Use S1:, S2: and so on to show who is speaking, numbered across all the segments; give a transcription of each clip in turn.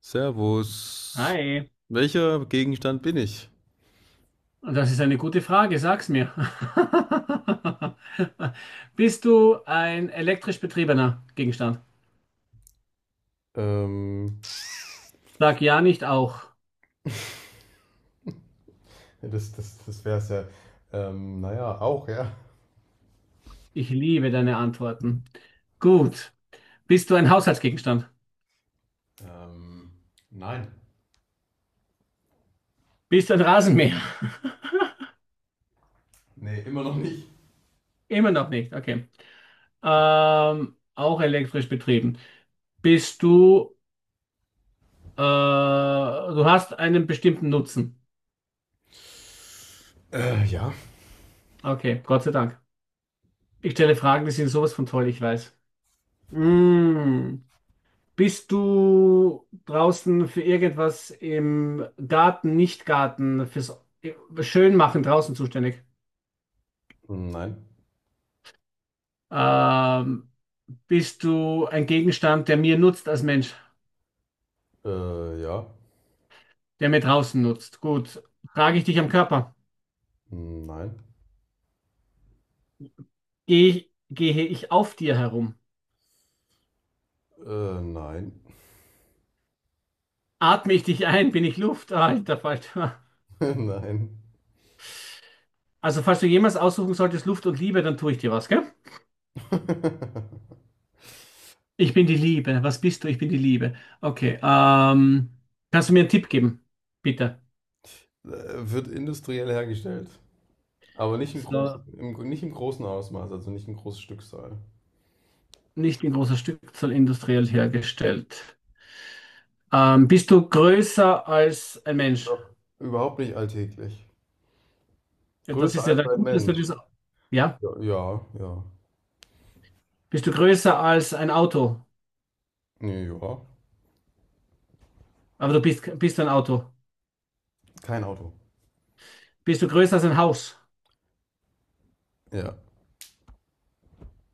S1: Servus.
S2: Hi,
S1: Welcher Gegenstand bin ich?
S2: das ist eine gute Frage, sag's mir. Bist du ein elektrisch betriebener Gegenstand?
S1: Ähm,
S2: Sag ja nicht auch.
S1: ja, das wäre es ja. Auch, ja.
S2: Ich liebe deine Antworten. Gut. Bist du ein Haushaltsgegenstand?
S1: Ähm, nein.
S2: Bist du ein Rasenmäher?
S1: Nee, immer noch nicht.
S2: Immer noch nicht, okay. Auch elektrisch betrieben. Bist du, Du hast einen bestimmten Nutzen.
S1: Ja.
S2: Okay, Gott sei Dank. Ich stelle Fragen, die sind sowas von toll, ich weiß. Mm. Bist du draußen für irgendwas im Garten, Nicht-Garten, fürs Schönmachen draußen zuständig?
S1: Nein.
S2: Ähm, Bist du ein Gegenstand, der mir nutzt als Mensch,
S1: Ja.
S2: der mir draußen nutzt? Gut. Trage ich dich am Körper?
S1: Nein.
S2: Gehe ich auf dir herum?
S1: Nein.
S2: Atme ich dich ein? Bin ich Luft? Ah, Alter Falter.
S1: Nein.
S2: Also, falls du jemals aussuchen solltest, Luft und Liebe, dann tue ich dir was, gell? Ich bin die Liebe. Was bist du? Ich bin die Liebe. Okay. Kannst du mir einen Tipp geben? Bitte.
S1: Wird industriell hergestellt. Aber nicht im großen,
S2: So,
S1: nicht im großen Ausmaß, also nicht im großen Stückzahl.
S2: nicht in großer Stückzahl industriell hergestellt. Bist du größer als ein
S1: Ist
S2: Mensch?
S1: auch überhaupt nicht alltäglich.
S2: Ja, das
S1: Größer
S2: ist ja
S1: als
S2: dann
S1: ein
S2: gut, dass du
S1: Mensch.
S2: das. Ja?
S1: Ja, ja, ja.
S2: Bist du größer als ein Auto?
S1: Nee, ja.
S2: Aber du bist ein Auto.
S1: Kein Auto.
S2: Bist du größer als ein Haus?
S1: Ja.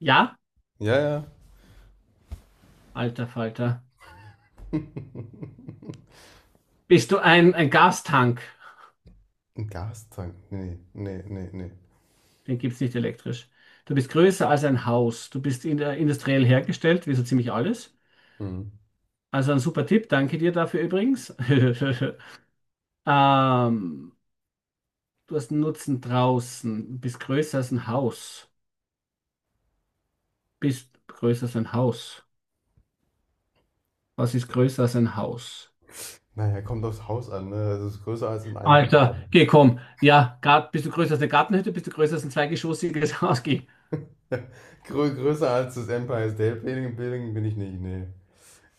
S2: Ja?
S1: Ja, ja.
S2: Alter Falter. Bist du ein Gastank?
S1: Ein Gastank. Nee, nee, nee, nee.
S2: Den gibt es nicht elektrisch. Du bist größer als ein Haus. Du bist in der industriell hergestellt, wie so ziemlich alles.
S1: Hm.
S2: Also ein super Tipp, danke dir dafür übrigens. ähm, Du hast einen Nutzen draußen, bist größer als ein Haus. Bist größer als ein Haus. Was ist größer als ein Haus?
S1: Naja, kommt aufs Haus an, ne? Es ist größer als ein
S2: Alter, geh,
S1: Einfamilienhaus.
S2: komm. Ja, bist du größer als eine Gartenhütte? Bist du größer als ein zweigeschossiges Haus? Geh.
S1: Größer als das Empire State Building, Building bin ich nicht, nee.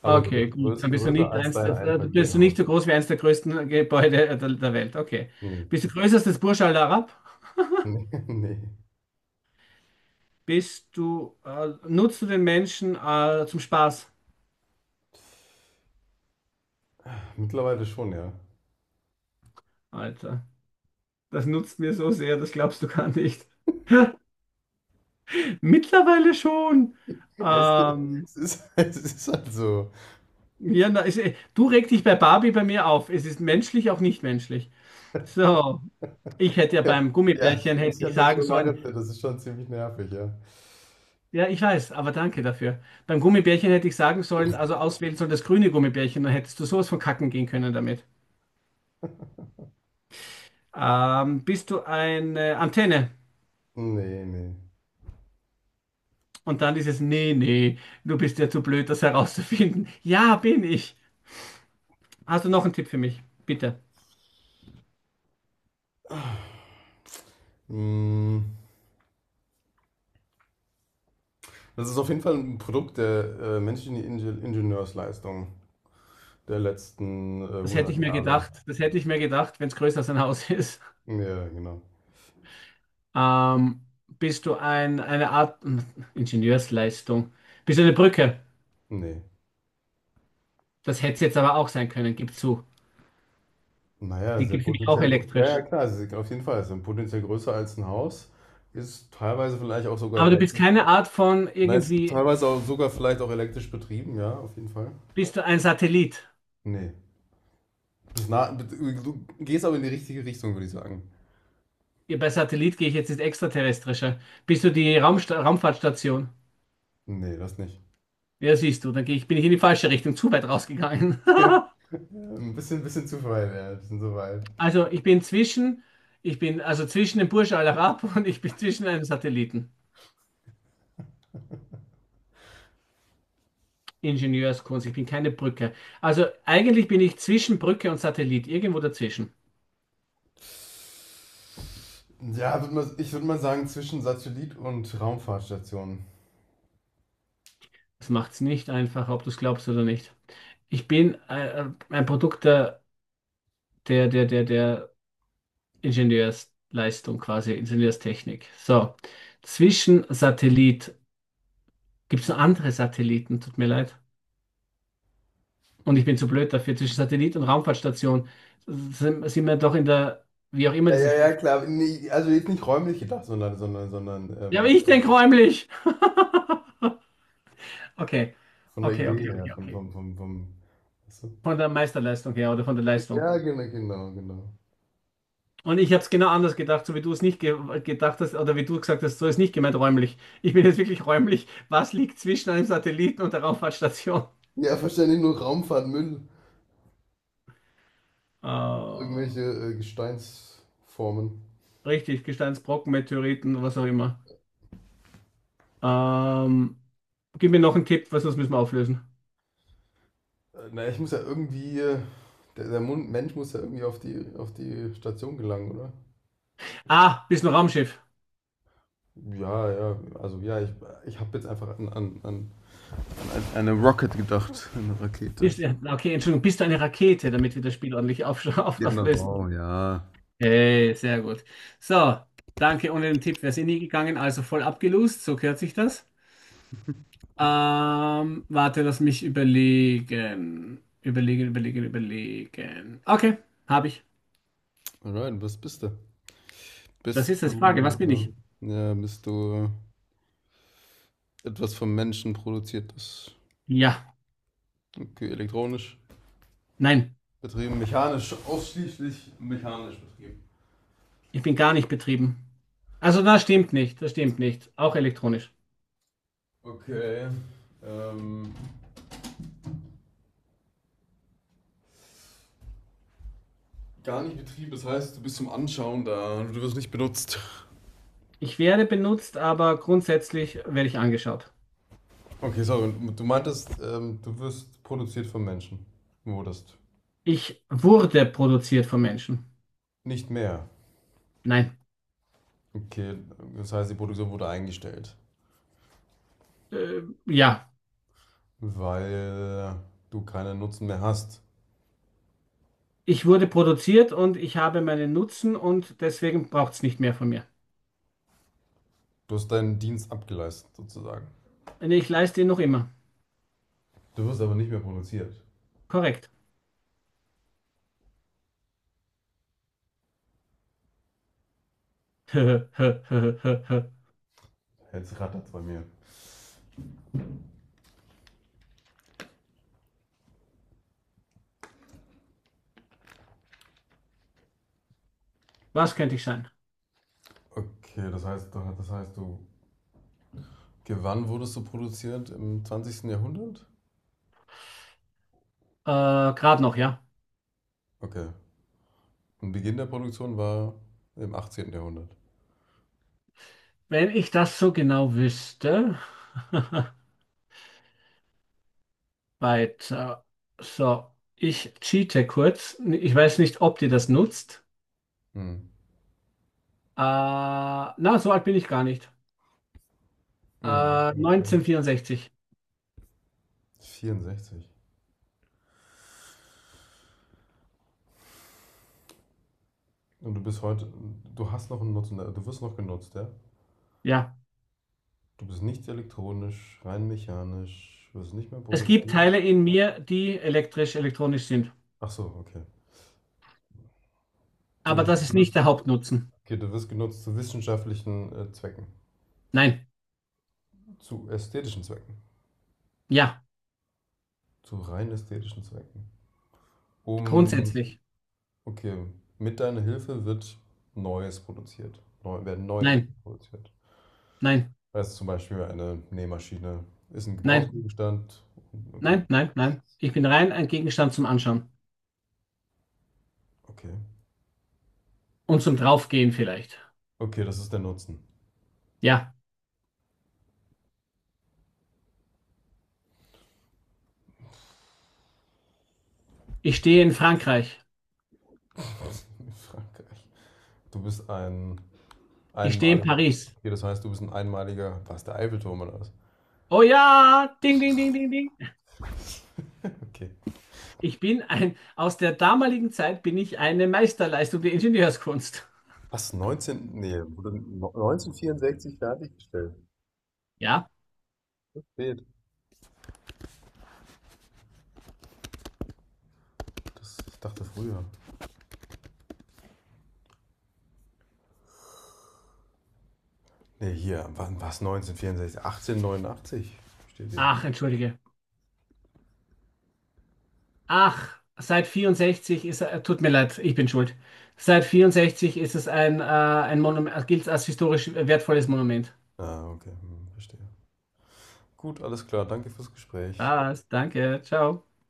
S1: Aber
S2: Okay, gut. Dann bist du
S1: größer
S2: nicht
S1: als
S2: eins
S1: dein
S2: der, bist du nicht
S1: Einfamilienhaus.
S2: so groß wie eins der größten Gebäude der Welt. Okay.
S1: Nee.
S2: Bist du größer als das Burj Al Arab?
S1: Nee, nee.
S2: Nutzt du den Menschen zum Spaß?
S1: Mittlerweile schon, ja.
S2: Alter, das nutzt mir so sehr, das glaubst du gar nicht. Mittlerweile schon.
S1: Ja, Es,
S2: Ähm,
S1: Es ist, es ist halt so.
S2: Ja, na, du regst dich bei Barbie bei mir auf. Es ist menschlich, auch nicht menschlich. So, ich hätte ja
S1: Ja,
S2: beim
S1: ja,
S2: Gummibärchen
S1: ich
S2: hätte ich
S1: kann das
S2: sagen
S1: schon
S2: sollen,
S1: nachempfinden. Das ist schon ziemlich nervig, ja.
S2: ja, ich weiß, aber danke dafür. Beim Gummibärchen hätte ich sagen sollen, also auswählen sollen das grüne Gummibärchen, dann hättest du sowas von kacken gehen können damit. Bist du eine Antenne?
S1: Nee, nee.
S2: Und dann dieses, nee, nee, du bist ja zu blöd, das herauszufinden. Ja, bin ich. Hast du noch einen Tipp für mich? Bitte.
S1: Mm, das ist auf jeden Fall ein Produkt der menschlichen Ingenieursleistung der letzten
S2: Das hätte ich
S1: 100
S2: mir
S1: Jahre.
S2: gedacht. Das hätte ich mir gedacht, wenn es größer als ein Haus ist.
S1: Ja, genau.
S2: Ähm, Bist du ein, eine Art Ingenieursleistung? Bist du eine Brücke?
S1: Nee.
S2: Das hätte es jetzt aber auch sein können, gib zu.
S1: Naja,
S2: Die
S1: sehr
S2: gibt es nämlich auch
S1: potenziell. Ja, ja,
S2: elektrisch.
S1: klar, sie sind auf jeden Fall. Es sind potenziell größer als ein Haus. Ist teilweise vielleicht auch sogar
S2: Aber du bist
S1: elektrisch.
S2: keine Art von
S1: Nein, ist
S2: irgendwie,
S1: teilweise auch sogar vielleicht auch elektrisch betrieben, ja, auf jeden Fall.
S2: bist du ein Satellit?
S1: Nee. Das na, du gehst aber in die richtige Richtung, würde ich sagen.
S2: Ja, bei Satellit gehe ich jetzt ins Extraterrestrische. Bist du die Raumsta Raumfahrtstation?
S1: Nee, das nicht.
S2: Ja, siehst du, dann bin ich in die falsche Richtung, zu weit rausgegangen.
S1: Bisschen zu weit, ja, ein bisschen zu weit.
S2: Also ich bin zwischen, Ich bin also zwischen dem Burj Al Arab und ich bin zwischen einem Satelliten. Ingenieurskunst, ich bin keine Brücke. Also eigentlich bin ich zwischen Brücke und Satellit, irgendwo dazwischen.
S1: Ja, ich würde mal sagen, zwischen Satellit und Raumfahrtstation.
S2: Das macht es nicht einfach, ob du es glaubst oder nicht. Ich bin ein Produkt der Ingenieursleistung quasi, Ingenieurstechnik. So, zwischen Satellit gibt es noch andere Satelliten, tut mir leid. Und ich bin zu blöd dafür. Zwischen Satellit und Raumfahrtstation sind wir doch in der, wie auch immer
S1: Ja,
S2: diese.
S1: ja, ja, klar. Nee, also jetzt nicht räumlich gedacht, sondern
S2: Ja, aber ich denke räumlich. Okay,
S1: von der Idee her,
S2: okay.
S1: vom. Weißt du?
S2: Von der Meisterleistung her oder von der Leistung.
S1: Ja, genau.
S2: Und ich habe es genau anders gedacht, so wie du es nicht ge gedacht hast oder wie du gesagt hast, so ist nicht gemeint räumlich. Ich bin jetzt wirklich räumlich. Was liegt zwischen einem Satelliten und der Raumfahrtstation?
S1: Ja, verständlich nur Raumfahrt, Müll,
S2: Äh,
S1: irgendwelche Gesteinsformen.
S2: Richtig, Gesteinsbrocken, Meteoriten, was auch immer. Ähm, Gib mir noch einen Tipp, was sonst müssen wir auflösen.
S1: Ich muss ja irgendwie, der Mensch muss ja irgendwie auf auf die Station gelangen, oder?
S2: Ah, bist du ein Raumschiff?
S1: Ja, ja, also ja, ich habe jetzt einfach an eine Rocket gedacht, eine Rakete.
S2: Ja, okay, Entschuldigung, bist du eine Rakete, damit wir das Spiel ordentlich auf,
S1: Genau,
S2: auflösen?
S1: oh ja.
S2: Hey, sehr gut. So, danke. Ohne den Tipp wäre es eh nie gegangen, also voll abgelost, so gehört sich das. Warte, lass mich überlegen. Überlegen, überlegen, überlegen. Okay, habe ich.
S1: Alright, was bist du?
S2: Was
S1: Bist
S2: ist das? Frage,
S1: du,
S2: was bin ich? Hm.
S1: ja, Bist du etwas vom Menschen produziertes,
S2: Ja,
S1: okay, elektronisch
S2: nein,
S1: betrieben, mechanisch, ausschließlich mechanisch betrieben.
S2: ich bin gar nicht betrieben. Also, das stimmt nicht, das stimmt nicht. Auch elektronisch.
S1: Okay, ähm, gar nicht betrieben, das heißt, du bist zum Anschauen da, du wirst nicht benutzt.
S2: Ich werde benutzt, aber grundsätzlich werde ich angeschaut.
S1: Okay, sorry, du meintest, du wirst produziert vom Menschen, wurdest.
S2: Ich wurde produziert von Menschen.
S1: Nicht mehr.
S2: Nein.
S1: Okay, das heißt, die Produktion wurde eingestellt,
S2: Ja,
S1: weil du keinen Nutzen mehr hast.
S2: ich wurde produziert und ich habe meinen Nutzen und deswegen braucht es nicht mehr von mir.
S1: Du hast deinen Dienst abgeleistet, sozusagen.
S2: Nee, ich leiste ihn noch immer.
S1: Du wirst aber nicht mehr produziert.
S2: Korrekt.
S1: Jetzt rattert's bei mir.
S2: Was könnte ich sein?
S1: Okay, das heißt, du. Wann wurdest du produziert? Im zwanzigsten Jahrhundert?
S2: Äh, Gerade noch, ja.
S1: Okay. Und Beginn der Produktion war im achtzehnten Jahrhundert.
S2: Wenn ich das so genau wüsste. Weiter. So, ich cheate kurz. Ich weiß nicht, ob dir das nutzt.
S1: Hm.
S2: Na, so alt bin ich gar nicht.
S1: Hm. Okay.
S2: 1964.
S1: 64. Und du bist heute, du hast noch einen Nutzen, du wirst noch genutzt, ja?
S2: Ja.
S1: Du bist nicht elektronisch, rein mechanisch, wirst nicht mehr
S2: Es gibt
S1: produziert.
S2: Teile in mir, die elektrisch, elektronisch sind.
S1: Ach so, okay.
S2: Aber
S1: Du
S2: das ist nicht
S1: wirst,
S2: der Hauptnutzen.
S1: okay, du wirst genutzt zu wissenschaftlichen Zwecken,
S2: Nein.
S1: zu ästhetischen Zwecken,
S2: Ja.
S1: zu rein ästhetischen Zwecken. Um,
S2: Grundsätzlich.
S1: okay, mit deiner Hilfe wird Neues produziert, werden neue Dinge
S2: Nein.
S1: produziert.
S2: Nein.
S1: Also zum Beispiel eine Nähmaschine ist ein
S2: Nein.
S1: Gebrauchsgegenstand. Okay,
S2: Nein. Nein. Nein. Ich bin rein ein Gegenstand zum Anschauen.
S1: okay.
S2: Und zum Draufgehen vielleicht.
S1: Okay, das ist der Nutzen.
S2: Ja. Ich stehe in Frankreich.
S1: Frankreich. Du bist ein
S2: Ich stehe in
S1: Einmaliger.
S2: Paris.
S1: Okay, das heißt, du bist ein einmaliger. Was, der Eiffelturm oder was?
S2: Oh ja, ding, ding, ding, ding, ding.
S1: Okay.
S2: Ich bin ein, aus der damaligen Zeit bin ich eine Meisterleistung der Ingenieurskunst.
S1: Was, 19. Nee, wurde 1964 fertiggestellt.
S2: Ja?
S1: Spät. Das, ich dachte früher. Nee, hier. Wann, was, 1964? 1889 steht hier.
S2: Ach, entschuldige. Ach, tut mir leid, ich bin schuld. Seit 64 ist es ein Monument, gilt als historisch wertvolles Monument.
S1: Ah, okay. Hm, verstehe. Gut, alles klar. Danke fürs Gespräch.
S2: Was? Danke, ciao.